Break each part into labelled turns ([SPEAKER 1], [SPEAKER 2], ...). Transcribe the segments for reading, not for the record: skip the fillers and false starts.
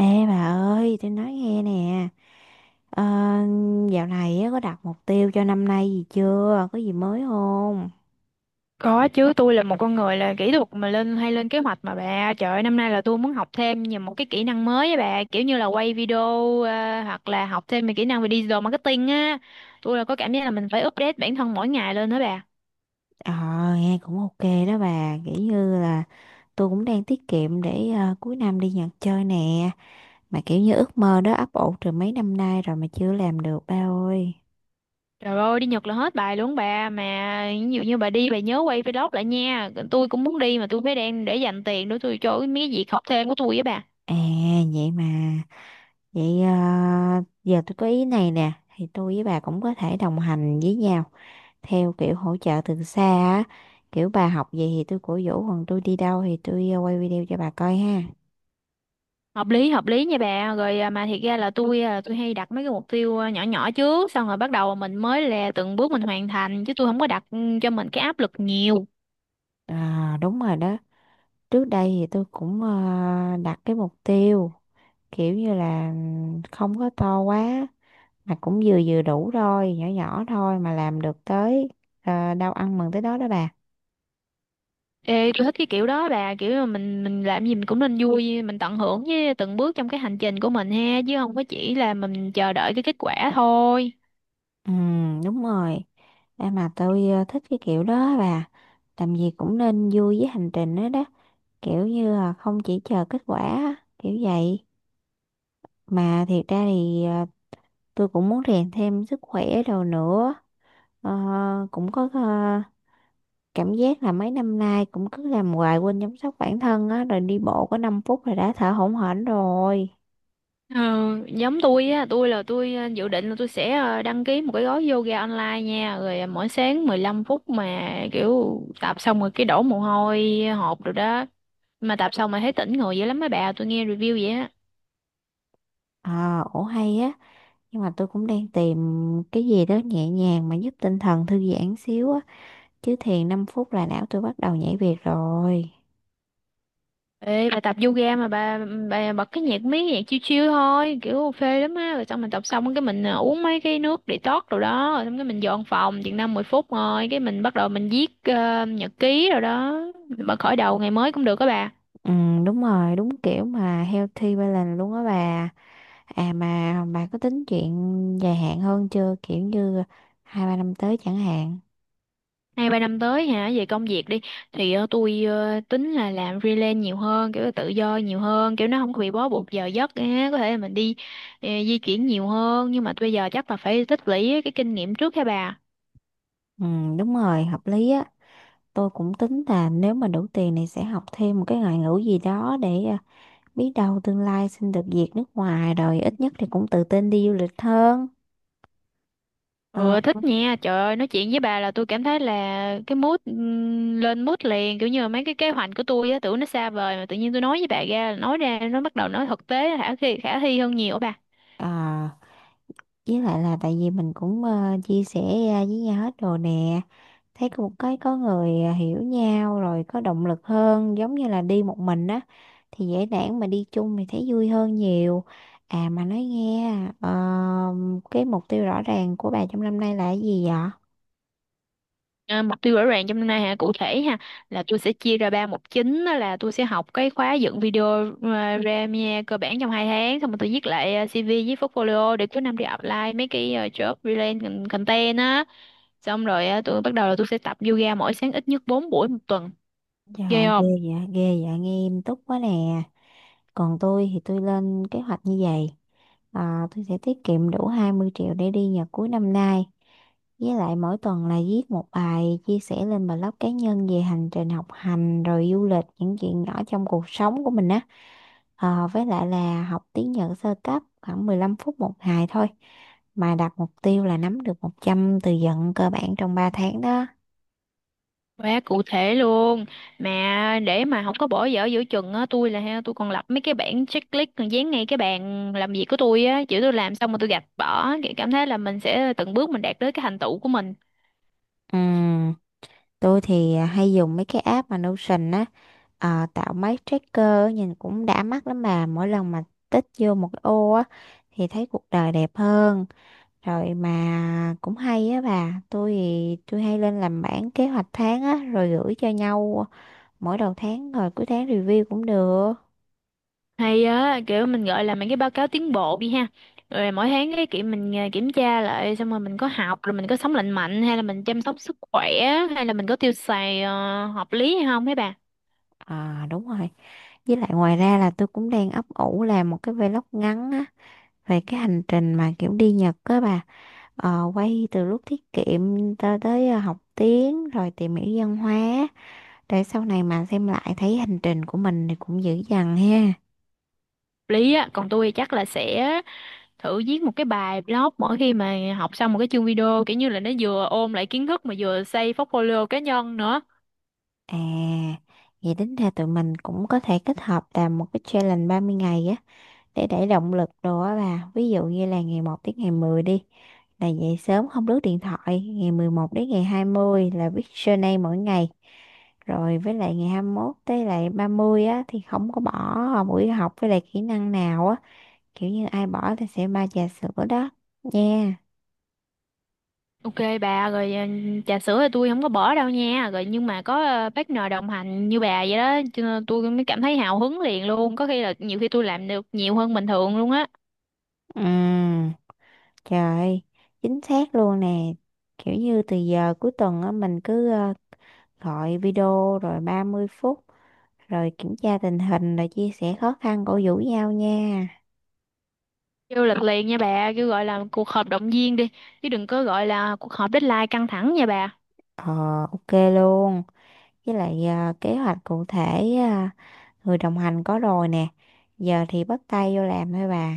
[SPEAKER 1] Ê bà ơi, tôi nói nghe nè, ờ, dạo này á, có đặt mục tiêu cho năm nay gì chưa? Có gì mới không?
[SPEAKER 2] Có chứ. Tôi là một con người là kỹ thuật mà lên hay lên kế hoạch mà bà, trời ơi, năm nay là tôi muốn học thêm nhiều một cái kỹ năng mới á bà, kiểu như là quay video, hoặc là học thêm về kỹ năng về digital marketing á. Tôi là có cảm giác là mình phải update bản thân mỗi ngày lên đó bà.
[SPEAKER 1] Ờ, nghe cũng ok đó bà, kiểu như là tôi cũng đang tiết kiệm để cuối năm đi Nhật chơi nè, mà kiểu như ước mơ đó ấp ủ từ mấy năm nay rồi mà chưa làm được ba ơi.
[SPEAKER 2] Trời ơi, đi Nhật là hết bài luôn bà, mà ví dụ như bà đi, bà nhớ quay vlog lại nha. Tôi cũng muốn đi mà tôi phải đang để dành tiền để tôi cho mấy cái việc học thêm của tôi với bà.
[SPEAKER 1] À, vậy mà, vậy giờ tôi có ý này nè, thì tôi với bà cũng có thể đồng hành với nhau, theo kiểu hỗ trợ từ xa á, kiểu bà học gì thì tôi cổ vũ, còn tôi đi đâu thì tôi quay video cho bà coi ha.
[SPEAKER 2] Hợp lý hợp lý nha bà. Rồi à, mà thiệt ra là tôi hay đặt mấy cái mục tiêu nhỏ nhỏ trước, xong rồi bắt đầu mình mới là từng bước mình hoàn thành, chứ tôi không có đặt, cho mình cái áp lực nhiều.
[SPEAKER 1] À, đúng rồi đó. Trước đây thì tôi cũng đặt cái mục tiêu kiểu như là không có to quá, mà cũng vừa vừa đủ thôi, nhỏ nhỏ thôi, mà làm được tới đâu ăn mừng tới đó đó bà.
[SPEAKER 2] Ê, tôi thích cái kiểu đó bà, kiểu mà mình làm gì mình cũng nên vui, mình tận hưởng với từng bước trong cái hành trình của mình ha, chứ không có chỉ là mình chờ đợi cái kết quả thôi.
[SPEAKER 1] Ừ, đúng rồi. À, mà tôi thích cái kiểu đó á bà, làm gì cũng nên vui với hành trình đó đó, kiểu như là không chỉ chờ kết quả á, kiểu vậy. Mà thiệt ra thì tôi cũng muốn rèn thêm sức khỏe đồ nữa. Ờ, cũng có cảm giác là mấy năm nay cũng cứ làm hoài quên chăm sóc bản thân á, rồi đi bộ có 5 phút là đã thở hổn hển rồi.
[SPEAKER 2] Ờ, giống tôi á, tôi dự định là tôi sẽ đăng ký một cái gói yoga online nha, rồi ờ, mỗi sáng 15 phút mà kiểu tập xong rồi cái đổ mồ hôi hột rồi đó, mà tập xong mà thấy tỉnh người dữ lắm mấy bà, tôi nghe review vậy á.
[SPEAKER 1] Ờ, ổ hay á. Nhưng mà tôi cũng đang tìm cái gì đó nhẹ nhàng mà giúp tinh thần thư giãn xíu á. Chứ thiền 5 phút là não tôi bắt đầu nhảy việc rồi.
[SPEAKER 2] Ê bà, tập yoga mà bà bật cái nhạc mấy cái nhạc chill chill thôi, kiểu phê lắm á, rồi xong mình tập xong cái mình uống mấy cái nước detox rồi đó, rồi xong cái mình dọn phòng chừng 5 10 phút, rồi cái mình bắt đầu mình viết nhật ký rồi đó. Mình bắt khởi đầu ngày mới cũng được các bà.
[SPEAKER 1] Ừ, đúng rồi, đúng kiểu mà healthy balance luôn á bà. À mà bà có tính chuyện dài hạn hơn chưa? Kiểu như hai ba năm tới chẳng hạn.
[SPEAKER 2] Nay 3 năm tới hả, về công việc đi thì ờ, tôi tính là làm freelance nhiều hơn, kiểu là tự do nhiều hơn, kiểu nó không có bị bó buộc giờ giấc á, có thể là mình đi, di chuyển nhiều hơn. Nhưng mà bây giờ chắc là phải tích lũy cái kinh nghiệm trước hả bà.
[SPEAKER 1] Ừ, đúng rồi, hợp lý á. Tôi cũng tính là nếu mà đủ tiền thì sẽ học thêm một cái ngoại ngữ gì đó để biết đâu tương lai xin được việc nước ngoài, rồi ít nhất thì cũng tự tin đi du lịch hơn. Ờ,
[SPEAKER 2] Ừ, thích nha, trời ơi, nói chuyện với bà là tôi cảm thấy là cái mood, lên mood liền, kiểu như là mấy cái kế hoạch của tôi á, tưởng nó xa vời mà tự nhiên tôi nói với bà ra, nói ra nó bắt đầu nó thực tế, khả thi hơn nhiều á bà.
[SPEAKER 1] à, với lại là tại vì mình cũng chia sẻ ra với nhau hết đồ nè, thấy cũng có người hiểu nhau rồi có động lực hơn, giống như là đi một mình á thì dễ nản, mà đi chung thì thấy vui hơn nhiều. À mà nói nghe ờ, cái mục tiêu rõ ràng của bà trong năm nay là cái gì vậy?
[SPEAKER 2] À, mục tiêu rõ ràng trong năm nay hả, cụ thể ha, là tôi sẽ chia ra ba mục chính. Đó là tôi sẽ học cái khóa dựng video, Premiere cơ bản trong 2 tháng, xong rồi tôi viết lại CV với portfolio để cuối năm đi apply mấy cái job related content á. Xong rồi ờ, tôi bắt đầu là tôi sẽ tập yoga mỗi sáng ít nhất 4 buổi 1 tuần.
[SPEAKER 1] Dạ
[SPEAKER 2] Ghê
[SPEAKER 1] ghê,
[SPEAKER 2] không?
[SPEAKER 1] dạ ghê, dạ nghe em tốt quá nè. Còn tôi thì tôi lên kế hoạch như vậy. Tôi sẽ tiết kiệm đủ 20 triệu để đi Nhật cuối năm nay. Với lại mỗi tuần là viết một bài chia sẻ lên blog cá nhân về hành trình học hành rồi du lịch, những chuyện nhỏ trong cuộc sống của mình á. Với lại là học tiếng Nhật sơ cấp khoảng 15 phút một ngày thôi, mà đặt mục tiêu là nắm được 100 từ vựng cơ bản trong 3 tháng đó.
[SPEAKER 2] Quá cụ thể luôn. Mà để mà không có bỏ dở giữa chừng á, tôi là ha, tôi còn lập mấy cái bảng checklist, còn dán ngay cái bàn làm việc của tôi á, chữ tôi làm xong mà tôi gạch bỏ, kiểu cảm thấy là mình sẽ từng bước mình đạt tới cái thành tựu của mình.
[SPEAKER 1] Ừ. Tôi thì hay dùng mấy cái app mà Notion á, tạo mấy tracker á, nhìn cũng đã mắt lắm bà. Mỗi lần mà tích vô một cái ô á thì thấy cuộc đời đẹp hơn. Rồi mà cũng hay á bà, tôi thì tôi hay lên làm bảng kế hoạch tháng á rồi gửi cho nhau mỗi đầu tháng, rồi cuối tháng review cũng được.
[SPEAKER 2] Hay á, kiểu mình gọi là mấy cái báo cáo tiến bộ đi ha, rồi mỗi tháng cái kiểu mình kiểm tra lại, xong rồi mình có học, rồi mình có sống lành mạnh hay là mình chăm sóc sức khỏe, hay là mình có tiêu xài hợp lý hay không mấy bà.
[SPEAKER 1] À, đúng rồi. Với lại ngoài ra là tôi cũng đang ấp ủ làm một cái vlog ngắn á, về cái hành trình mà kiểu đi Nhật á bà. Quay từ lúc tiết kiệm cho tới học tiếng rồi tìm hiểu văn hóa, để sau này mà xem lại thấy hành trình của mình thì cũng dữ dằn ha.
[SPEAKER 2] Lý á, còn tôi chắc là sẽ thử viết một cái bài blog mỗi khi mà học xong một cái chương video, kiểu như là nó vừa ôm lại kiến thức mà vừa xây portfolio cá nhân nữa.
[SPEAKER 1] À, vậy tính ra tụi mình cũng có thể kết hợp làm một cái challenge 30 ngày á, để đẩy động lực đồ á bà. Ví dụ như là ngày một tới ngày 10 đi là dậy sớm không lướt điện thoại, ngày 11 đến ngày 20 là viết journal mỗi ngày. Rồi với lại ngày 21 tới lại 30 á thì không có bỏ buổi học với lại kỹ năng nào á, kiểu như ai bỏ thì sẽ ba trà sữa đó nha.
[SPEAKER 2] Ok bà. Rồi ờ, trà sữa thì tôi không có bỏ đâu nha. Rồi nhưng mà có partner đồng hành như bà vậy đó, cho nên tôi mới cảm thấy hào hứng liền luôn, có khi là nhiều khi tôi làm được nhiều hơn bình thường luôn á.
[SPEAKER 1] Ừ, trời, chính xác luôn nè, kiểu như từ giờ cuối tuần á, mình cứ gọi video rồi 30 phút, rồi kiểm tra tình hình, rồi chia sẻ khó khăn, cổ vũ nhau nha.
[SPEAKER 2] Kêu lịch liền nha bà, kêu gọi là cuộc họp động viên đi, chứ đừng có gọi là cuộc họp deadline căng thẳng nha bà.
[SPEAKER 1] Ờ, ok luôn. Với lại kế hoạch cụ thể người đồng hành có rồi nè, giờ thì bắt tay vô làm thôi bà.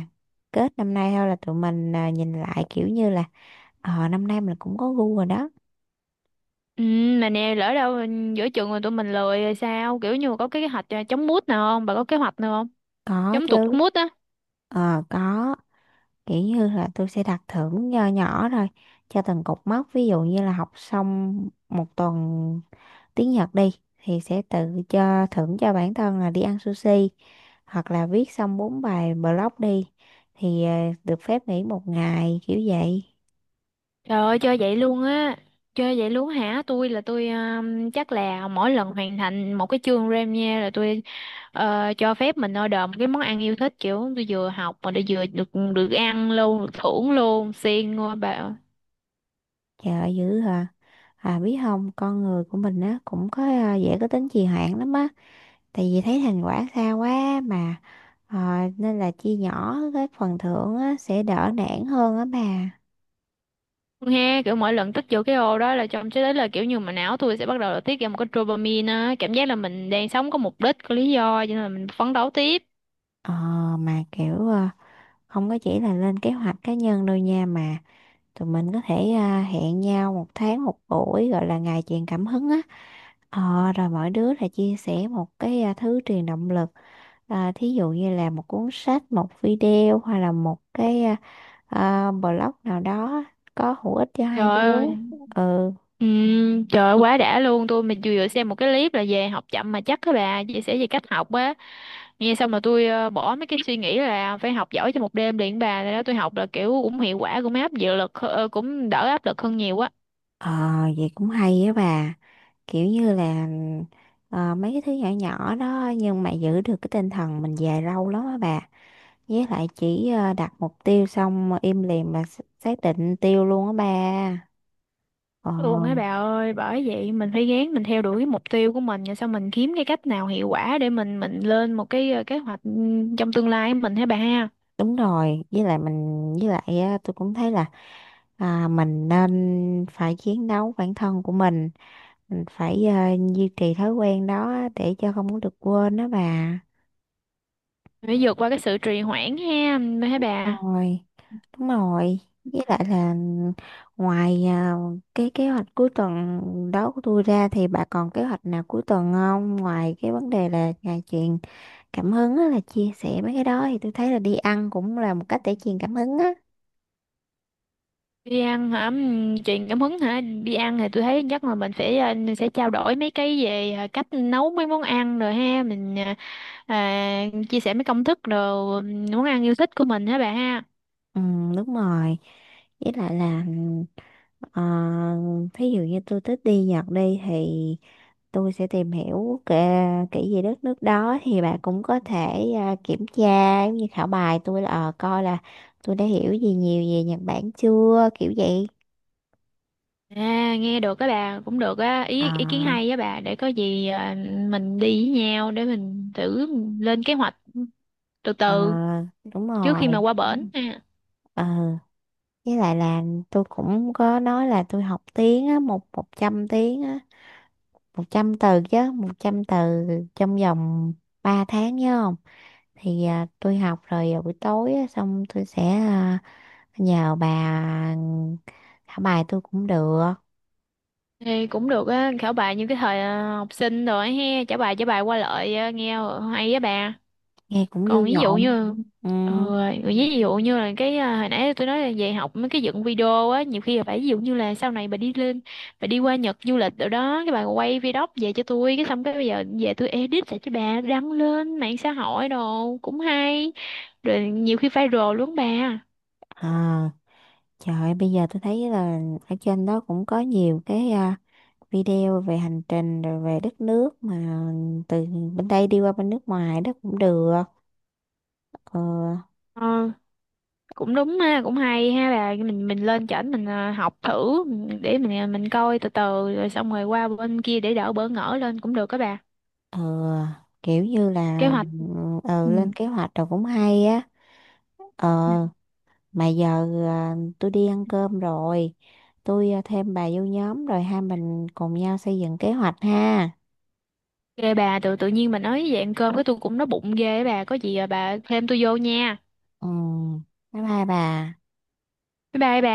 [SPEAKER 1] Kết năm nay thôi là tụi mình nhìn lại kiểu như là năm nay mình cũng có gu rồi đó.
[SPEAKER 2] Ừ, mà nè, lỡ đâu giữa chừng rồi tụi mình lười rồi sao, kiểu như có cái kế hoạch chống mút nào không bà, có kế hoạch nào.
[SPEAKER 1] Có
[SPEAKER 2] Giống tụt
[SPEAKER 1] chứ.
[SPEAKER 2] mút á.
[SPEAKER 1] Ờ có, kiểu như là tôi sẽ đặt thưởng nho nhỏ rồi cho từng cột mốc. Ví dụ như là học xong một tuần tiếng Nhật đi thì sẽ tự cho thưởng cho bản thân là đi ăn sushi, hoặc là viết xong bốn bài blog đi thì được phép nghỉ một ngày kiểu vậy.
[SPEAKER 2] Trời ơi, chơi vậy luôn á? Chơi vậy luôn hả? Tôi chắc là mỗi lần hoàn thành một cái chương RAM nha, là tôi cho phép mình order một cái món ăn yêu thích. Kiểu tôi vừa học mà tôi vừa được được ăn luôn, được thưởng luôn. Siêng ngôi bà.
[SPEAKER 1] Trời ơi, dữ hả? À biết không, con người của mình á cũng có dễ có tính trì hoãn lắm á, tại vì thấy thành quả xa quá mà ờ, nên là chia nhỏ cái phần thưởng á, sẽ đỡ nản hơn á bà.
[SPEAKER 2] Nghe kiểu mỗi lần tích vô cái ô đó là trong tới đấy, là kiểu như mà não tôi sẽ bắt đầu là tiết ra một cái dopamine á. Cảm giác là mình đang sống có mục đích, có lý do, cho nên là mình phấn đấu tiếp.
[SPEAKER 1] ờ, mà kiểu không có chỉ là lên kế hoạch cá nhân đâu nha, mà tụi mình có thể hẹn nhau một tháng một buổi gọi là ngày truyền cảm hứng á. Rồi mỗi đứa là chia sẻ một cái thứ truyền động lực. À, thí dụ như là một cuốn sách, một video, hoặc là một cái blog nào đó có hữu ích cho hai đứa.
[SPEAKER 2] Trời ơi.
[SPEAKER 1] Ừ.
[SPEAKER 2] Ừ, trời ơi, quá đã luôn tôi. Mình vừa vừa xem một cái clip là về học chậm mà chắc các bà chia sẻ về cách học á, nghe xong là tôi bỏ mấy cái suy nghĩ là phải học giỏi trong một đêm liền bà. Rồi đó tôi học là kiểu cũng hiệu quả, cũng áp dự lực cũng đỡ áp lực hơn nhiều á.
[SPEAKER 1] Ờ, vậy cũng hay á bà. Kiểu như là mấy cái thứ nhỏ nhỏ đó nhưng mà giữ được cái tinh thần mình dài lâu lắm á bà. Với lại chỉ đặt mục tiêu xong im lìm mà xác định mục tiêu luôn á bà. Ờ,
[SPEAKER 2] Luôn á bà ơi, bởi vậy mình phải gán mình theo đuổi cái mục tiêu của mình, rồi sau mình kiếm cái cách nào hiệu quả để mình lên một cái kế hoạch, trong tương lai của mình hả bà ha.
[SPEAKER 1] đúng rồi. Với lại mình, với lại á, tôi cũng thấy là mình nên phải chiến đấu bản thân của mình. Mình phải duy trì thói quen đó để cho không có được quên đó bà.
[SPEAKER 2] Phải vượt qua cái sự trì hoãn ha, hả bà.
[SPEAKER 1] Rồi. Đúng rồi, với lại là ngoài cái kế hoạch cuối tuần đó của tôi ra thì bà còn kế hoạch nào cuối tuần không? Ngoài cái vấn đề là ngày truyền cảm hứng á, là chia sẻ mấy cái đó, thì tôi thấy là đi ăn cũng là một cách để truyền cảm hứng á.
[SPEAKER 2] Đi ăn hả? Truyền cảm hứng hả? Đi ăn thì tôi thấy chắc là mình phải sẽ trao đổi mấy cái về cách nấu mấy món ăn rồi ha. Mình chia sẻ mấy công thức rồi, món ăn yêu thích của mình hả bà ha.
[SPEAKER 1] Ừ, đúng rồi. Với lại là Ờ, thí dụ như tôi thích đi Nhật đi thì tôi sẽ tìm hiểu kể, kỹ về đất nước đó thì bạn cũng có thể kiểm tra giống như khảo bài tôi, là coi là tôi đã hiểu gì nhiều về Nhật Bản chưa kiểu vậy.
[SPEAKER 2] À, nghe được á bà, cũng được á.
[SPEAKER 1] ờ
[SPEAKER 2] Ý ý kiến hay á bà, để có gì mình đi với nhau để mình thử lên kế hoạch từ
[SPEAKER 1] ờ,
[SPEAKER 2] từ,
[SPEAKER 1] đúng
[SPEAKER 2] trước khi mà
[SPEAKER 1] rồi.
[SPEAKER 2] qua, ừ, bển ha.
[SPEAKER 1] ờ với lại là tôi cũng có nói là tôi học tiếng á, một 100 tiếng á, 100 từ chứ, một trăm từ trong vòng 3 tháng, nhớ không? Thì tôi học rồi buổi tối á, xong tôi sẽ nhờ bà thả bài tôi cũng được.
[SPEAKER 2] Ê, cũng được á, khảo bài như cái thời học sinh rồi ha, trả bài qua lại, nghe hay á bà.
[SPEAKER 1] Nghe cũng
[SPEAKER 2] Còn
[SPEAKER 1] vui
[SPEAKER 2] ví dụ
[SPEAKER 1] nhộn.
[SPEAKER 2] như,
[SPEAKER 1] Ừ.
[SPEAKER 2] ờ, ví dụ như là cái à, hồi nãy tôi nói là về học mấy cái dựng video á, nhiều khi là phải, ví dụ như là sau này bà đi lên, bà đi qua Nhật du lịch rồi đó, cái bà quay video về cho tôi, cái xong cái bây giờ về tôi edit lại cho bà đăng lên mạng xã hội đồ cũng hay, rồi nhiều khi viral luôn bà.
[SPEAKER 1] à, trời ơi, bây giờ tôi thấy là ở trên đó cũng có nhiều cái video về hành trình rồi về đất nước mà từ bên đây đi qua bên nước ngoài đó cũng được. ờ,
[SPEAKER 2] Ờ, cũng đúng ha, cũng hay ha bà. Mình lên chảnh, mình học thử, để mình mình coi từ từ, rồi xong rồi qua bên kia để đỡ bỡ ngỡ lên cũng được các bà.
[SPEAKER 1] ờ, kiểu như
[SPEAKER 2] Kế
[SPEAKER 1] là
[SPEAKER 2] hoạch, ừ.
[SPEAKER 1] lên kế hoạch rồi cũng hay á. ờ mà giờ tôi đi ăn cơm rồi, tôi thêm bà vô nhóm rồi hai mình cùng nhau xây dựng kế hoạch ha.
[SPEAKER 2] Ghê bà, tự tự nhiên bà nói vậy ăn cơm, cái tôi cũng nói bụng ghê á bà. Có gì à bà thêm tôi vô nha.
[SPEAKER 1] Ừ, bye bye bà.
[SPEAKER 2] Bye bye bà.